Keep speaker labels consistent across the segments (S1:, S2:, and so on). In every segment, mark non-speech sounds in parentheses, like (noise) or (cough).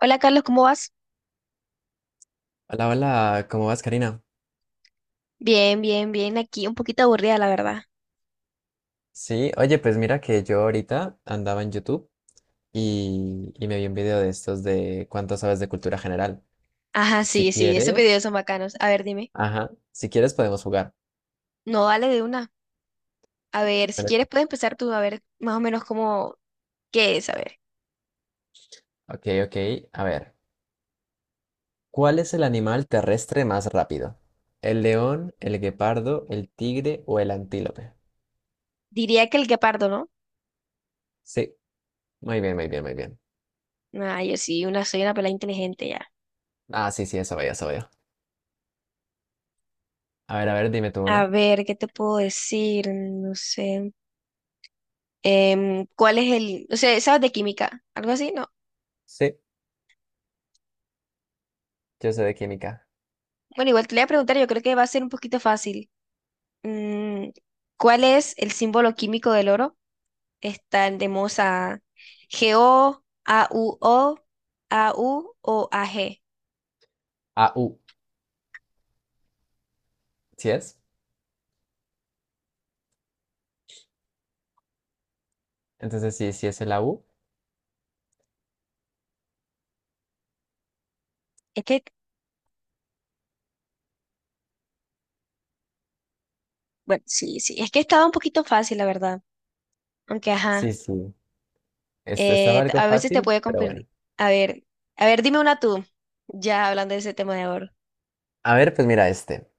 S1: Hola Carlos, ¿cómo vas?
S2: Hola, hola, ¿cómo vas, Karina?
S1: Bien, bien, bien. Aquí un poquito aburrida, la verdad.
S2: Sí, oye, pues mira que yo ahorita andaba en YouTube y me vi un video de estos de cuánto sabes de cultura general.
S1: Ajá,
S2: Si
S1: sí, sí, esos videos
S2: quieres,
S1: son bacanos. A ver, dime.
S2: ajá, si quieres podemos jugar.
S1: No, dale de una. A ver, si
S2: Pero-
S1: quieres puedes empezar tú a ver más o menos cómo, qué es, a ver.
S2: Ok, ok, a ver. ¿Cuál es el animal terrestre más rápido? ¿El león, el guepardo, el tigre o el antílope?
S1: Diría que el guepardo, ¿no?
S2: Sí, muy bien, muy bien, muy bien.
S1: Ah, yo sí, una, soy una pelada inteligente ya.
S2: Ah, sí, sí, eso veo, eso veo. A ver, dime tú
S1: A
S2: una.
S1: ver, ¿qué te puedo decir? No sé. ¿Cuál es el, o sea, sabes de química? ¿Algo así? No.
S2: Sí, yo soy de química.
S1: Bueno, igual te le voy a preguntar, yo creo que va a ser un poquito fácil. Mm, ¿Cuál es el símbolo químico del oro? Está, tenemos a o a u o a g.
S2: Au, ¿sí es? Entonces sí, sí es el Au.
S1: Es que, bueno, sí, sí, es que estaba un poquito fácil, la verdad. Aunque, ajá,
S2: Sí, sí. Esto estaba algo
S1: a veces te
S2: fácil,
S1: puede
S2: pero bueno.
S1: confundir. A ver, a ver, dime una tú, ya hablando de ese tema de ahora.
S2: A ver, pues mira este.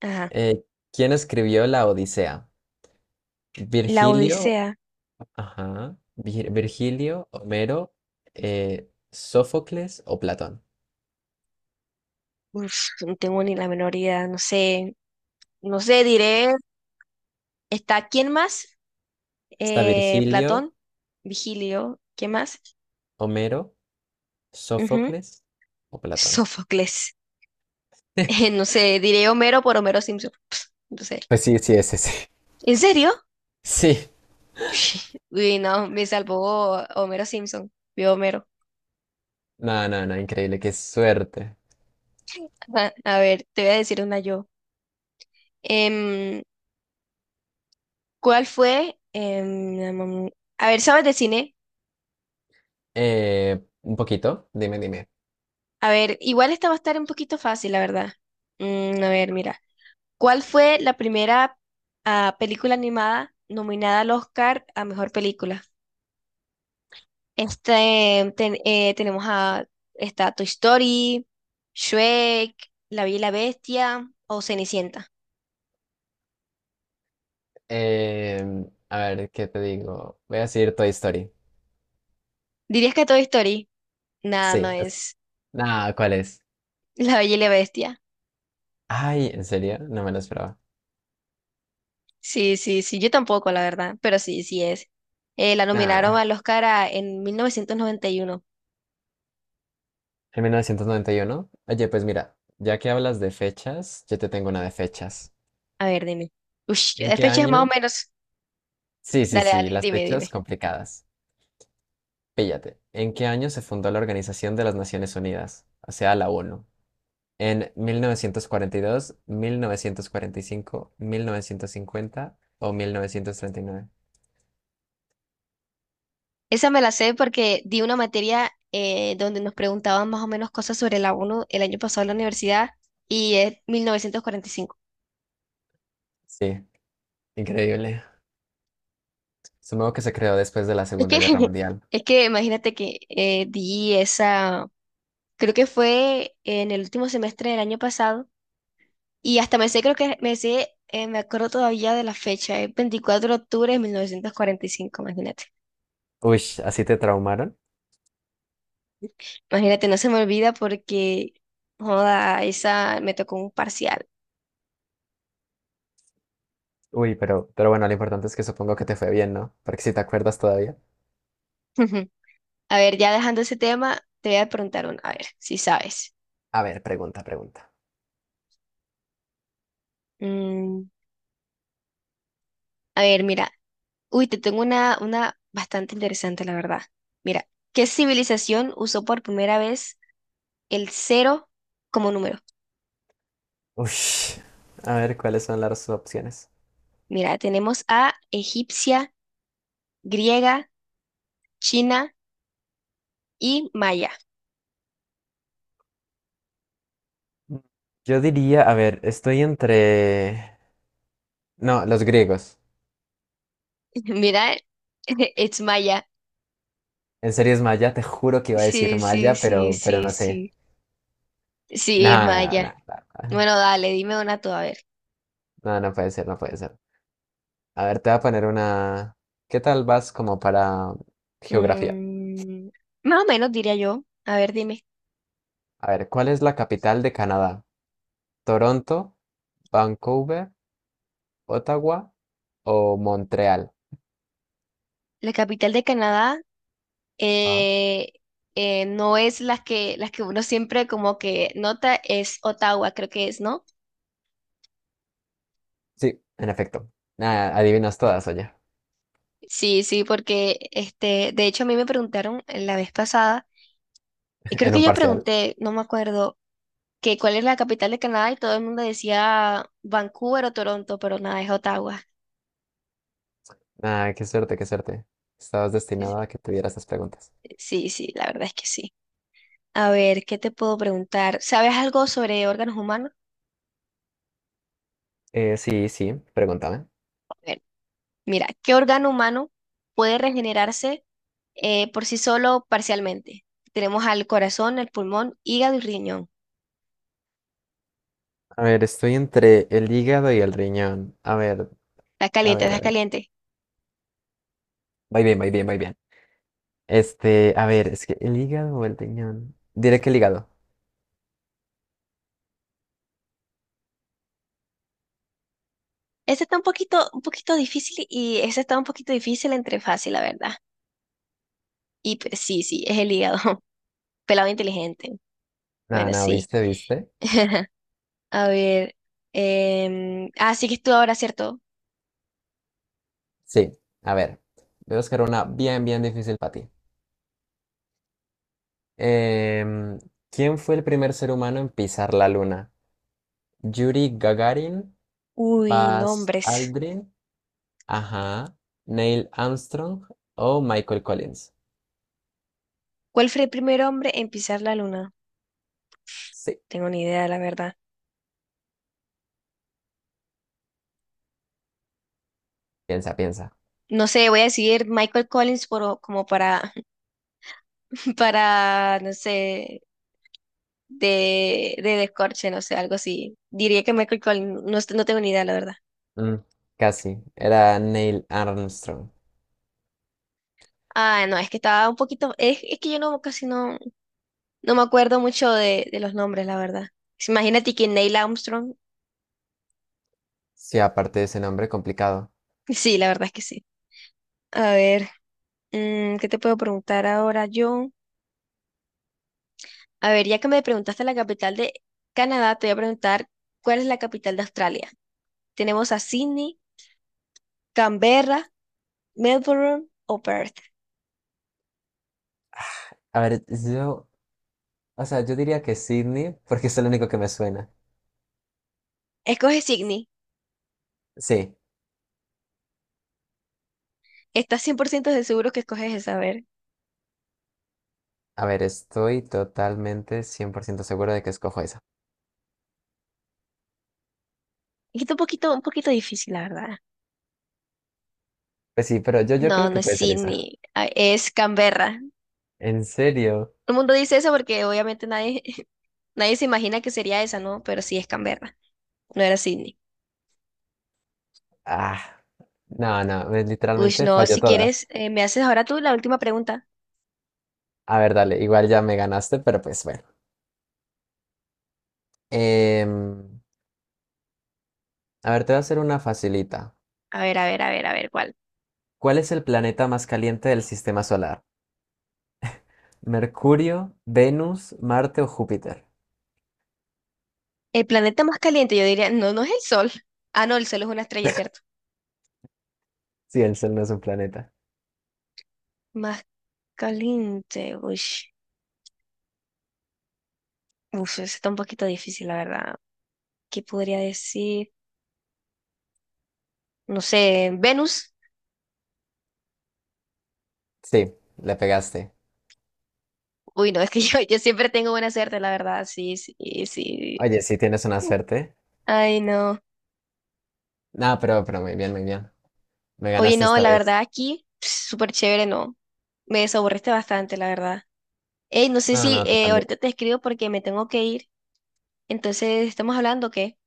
S1: Ajá.
S2: Eh, ¿Quién escribió la Odisea?
S1: La
S2: Virgilio,
S1: Odisea.
S2: ajá, Virgilio, Homero, Sófocles o Platón.
S1: Uf, no tengo ni la menor idea, no sé, no sé, diré. ¿Está quién más?
S2: Está Virgilio,
S1: Platón, Vigilio, ¿quién más?
S2: Homero,
S1: Ujú.
S2: Sófocles o Platón.
S1: Sófocles.
S2: (laughs)
S1: (laughs) No sé, diré Homero por Homero Simpson. Pss, no sé.
S2: Pues sí, sí, ese sí.
S1: ¿En serio?
S2: Sí.
S1: Uy, no, me salvó Homero Simpson. Vio Homero.
S2: No, no, no, increíble, qué suerte.
S1: Ajá, a ver, te voy a decir una yo. Em, ¿Cuál fue? A ver, ¿sabes de cine?
S2: Un poquito, dime, dime.
S1: A ver, igual esta va a estar un poquito fácil, la verdad. A ver, mira. ¿Cuál fue la primera ah, película animada nominada al Oscar a mejor película? Este, tenemos a esta Toy Story, Shrek, La Bella y la Bestia o Cenicienta.
S2: A ver, ¿qué te digo? Voy a decir Toy Story.
S1: ¿Dirías que Toy Story? Nada, no
S2: Sí,
S1: es.
S2: nah, ¿cuál es?
S1: (laughs) La Bella y la Bestia.
S2: Ay, ¿en serio? No me lo esperaba.
S1: Sí, sí, sí, yo tampoco, la verdad, pero sí, sí es. La nominaron
S2: Nah,
S1: al Oscar a- en 1991.
S2: en 1991. Oye, pues mira, ya que hablas de fechas, yo te tengo una de fechas.
S1: A ver, dime. Ush,
S2: ¿En
S1: de
S2: qué
S1: fechas más o
S2: año?
S1: menos.
S2: Sí, sí,
S1: Dale,
S2: sí,
S1: dale,
S2: las
S1: dime,
S2: fechas
S1: dime.
S2: complicadas. Píllate. ¿En qué año se fundó la Organización de las Naciones Unidas? O sea, la ONU. ¿En mil novecientos cuarenta y dos, 1945, 1950 o 1939?
S1: Esa me la sé porque di una materia donde nos preguntaban más o menos cosas sobre la ONU el año pasado en la universidad y es 1945.
S2: Sí, increíble. Supongo que se creó después de la
S1: Es que,
S2: Segunda Guerra
S1: (laughs)
S2: Mundial.
S1: es que imagínate que di esa, creo que fue en el último semestre del año pasado y hasta me sé, creo que me sé, me acuerdo todavía de la fecha, es 24 de octubre de 1945, imagínate.
S2: Uy, ¿así te traumaron?
S1: Imagínate, no se me olvida porque, joda, esa me tocó un parcial.
S2: Uy, pero bueno, lo importante es que supongo que te fue bien, ¿no? Porque si te acuerdas todavía.
S1: (laughs) A ver, ya dejando ese tema, te voy a preguntar una, a ver, si sabes.
S2: A ver, pregunta, pregunta.
S1: Mm, a ver, mira, uy, te tengo una bastante interesante, la verdad. Mira, ¿qué civilización usó por primera vez el cero como número?
S2: Uy, a ver, ¿cuáles son las opciones?
S1: Mira, tenemos a egipcia, griega, china y maya.
S2: Mm. Yo diría, a ver, estoy entre... No, los griegos.
S1: (laughs) Mira, (laughs) es maya.
S2: En serio es maya, te juro que iba a decir
S1: Sí, sí,
S2: maya,
S1: sí,
S2: pero
S1: sí,
S2: no sé.
S1: sí. Sí, es
S2: Nada,
S1: maya.
S2: nada, nada.
S1: Bueno, dale, dime una tú, a ver.
S2: No, no puede ser, no puede ser. A ver, te voy a poner una... ¿Qué tal vas como para geografía?
S1: Mm, más o menos diría yo. A ver, dime.
S2: A ver, ¿cuál es la capital de Canadá? ¿Toronto, Vancouver, Ottawa o Montreal?
S1: La capital de Canadá
S2: Ah,
S1: eh, no es las que uno siempre como que nota, es Ottawa, creo que es, ¿no?
S2: sí, en efecto. Nada, adivinas todas, oye.
S1: Sí, sí, porque este, de hecho a mí me preguntaron la vez pasada, y
S2: (laughs)
S1: creo
S2: En
S1: que
S2: un
S1: yo
S2: parcial.
S1: pregunté, no me acuerdo, que cuál es la capital de Canadá y todo el mundo decía Vancouver o Toronto, pero nada, es Ottawa.
S2: Ah, qué suerte, qué suerte. Estabas
S1: Sí,
S2: destinado
S1: sí,
S2: a que tuvieras esas preguntas.
S1: sí, sí, la verdad es que sí. A ver, ¿qué te puedo preguntar? ¿Sabes algo sobre órganos humanos?
S2: Sí, sí, pregúntame.
S1: A ver, mira, ¿qué órgano humano puede regenerarse? Por sí solo parcialmente. Tenemos al corazón, el pulmón, hígado y riñón.
S2: A ver, estoy entre el hígado y el riñón. A ver,
S1: Está
S2: a
S1: caliente,
S2: ver, a
S1: está
S2: ver.
S1: caliente.
S2: Va bien, va bien, va bien. Este, a ver, es que el hígado o el riñón. Diré que el hígado.
S1: Este está un poquito difícil y ese está un poquito difícil entre fácil, la verdad. Y pues, sí, sí, es el hígado. (laughs) Pelado inteligente.
S2: Nada,
S1: Bueno,
S2: nada,
S1: sí.
S2: ¿viste, viste?
S1: (laughs) A ver. Ah, sí que es tú ahora, ¿cierto?
S2: Sí, a ver. Voy a buscar una bien, bien difícil para ti. Em, ¿Quién fue el primer ser humano en pisar la luna? Yuri Gagarin,
S1: Uy,
S2: Buzz
S1: nombres.
S2: Aldrin, ajá, Neil Armstrong o Michael Collins.
S1: ¿Cuál fue el primer hombre en pisar la luna?
S2: Sí,
S1: Tengo ni idea, la verdad.
S2: piensa, piensa.
S1: No sé, voy a decir Michael Collins por, como para, (laughs) para, no sé, de descorche, no sé, algo así. Diría que Michael Collins, no, est- no tengo ni idea, la verdad.
S2: Mm, Casi, era Neil Armstrong.
S1: Ah, no, es que estaba un poquito, es que yo no, casi no, no me acuerdo mucho de los nombres, la verdad. Imagínate que Neil Armstrong,
S2: Sí, aparte de ese nombre complicado.
S1: (laughs) sí, la verdad es que sí. A ver, ¿qué te puedo preguntar ahora yo? A ver, ya que me preguntaste la capital de Canadá, te voy a preguntar cuál es la capital de Australia. Tenemos a Sydney, Canberra, Melbourne o Perth.
S2: A ver, yo, o sea, yo diría que Sydney, porque es el único que me suena.
S1: Escoge Sydney.
S2: Sí,
S1: Estás 100% de seguro que escoges esa, a ver.
S2: a ver, estoy totalmente 100% seguro de que escojo esa.
S1: Está un poquito difícil, la verdad.
S2: Pues sí, pero yo creo
S1: No, no
S2: que
S1: es
S2: puede ser esa.
S1: Sydney, ah, es Canberra.
S2: ¿En serio?
S1: Todo el mundo dice eso porque obviamente nadie, (laughs) nadie se imagina que sería esa, ¿no? Pero sí es Canberra, no era Sydney.
S2: Ah, no, no,
S1: Uy,
S2: literalmente
S1: no,
S2: falló
S1: si quieres,
S2: todas.
S1: me haces ahora tú la última pregunta.
S2: A ver, dale, igual ya me ganaste, pero pues bueno. Em, a ver, te voy a hacer una facilita.
S1: A ver, a ver, a ver, a ver, ¿cuál?
S2: ¿Cuál es el planeta más caliente del sistema solar? ¿Mercurio, Venus, Marte o Júpiter?
S1: El planeta más caliente, yo diría, no, no es el Sol. Ah, no, el Sol es una estrella, ¿cierto?
S2: Sí, el Sol no es un planeta.
S1: Más caliente, uy. Uf, eso está un poquito difícil, la verdad. ¿Qué podría decir? No sé, Venus.
S2: Sí, le pegaste.
S1: Uy, no, es que (laughs) yo siempre tengo buena suerte, la verdad, sí, sí, sí.
S2: Oye, sí tienes una suerte.
S1: Ay, no.
S2: No, pero muy bien, muy bien. Me
S1: Oye,
S2: ganaste
S1: no,
S2: esta
S1: la
S2: vez.
S1: verdad aquí, súper chévere, no. Me desaburriste bastante, la verdad. Ey, no sé
S2: No,
S1: si
S2: no, tú también.
S1: ahorita te escribo porque me tengo que ir. Entonces, ¿estamos hablando o qué?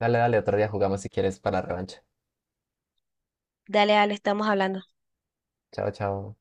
S2: Dale, dale, otro día jugamos si quieres para revancha.
S1: Dale, Ale, estamos hablando.
S2: Chao, chao.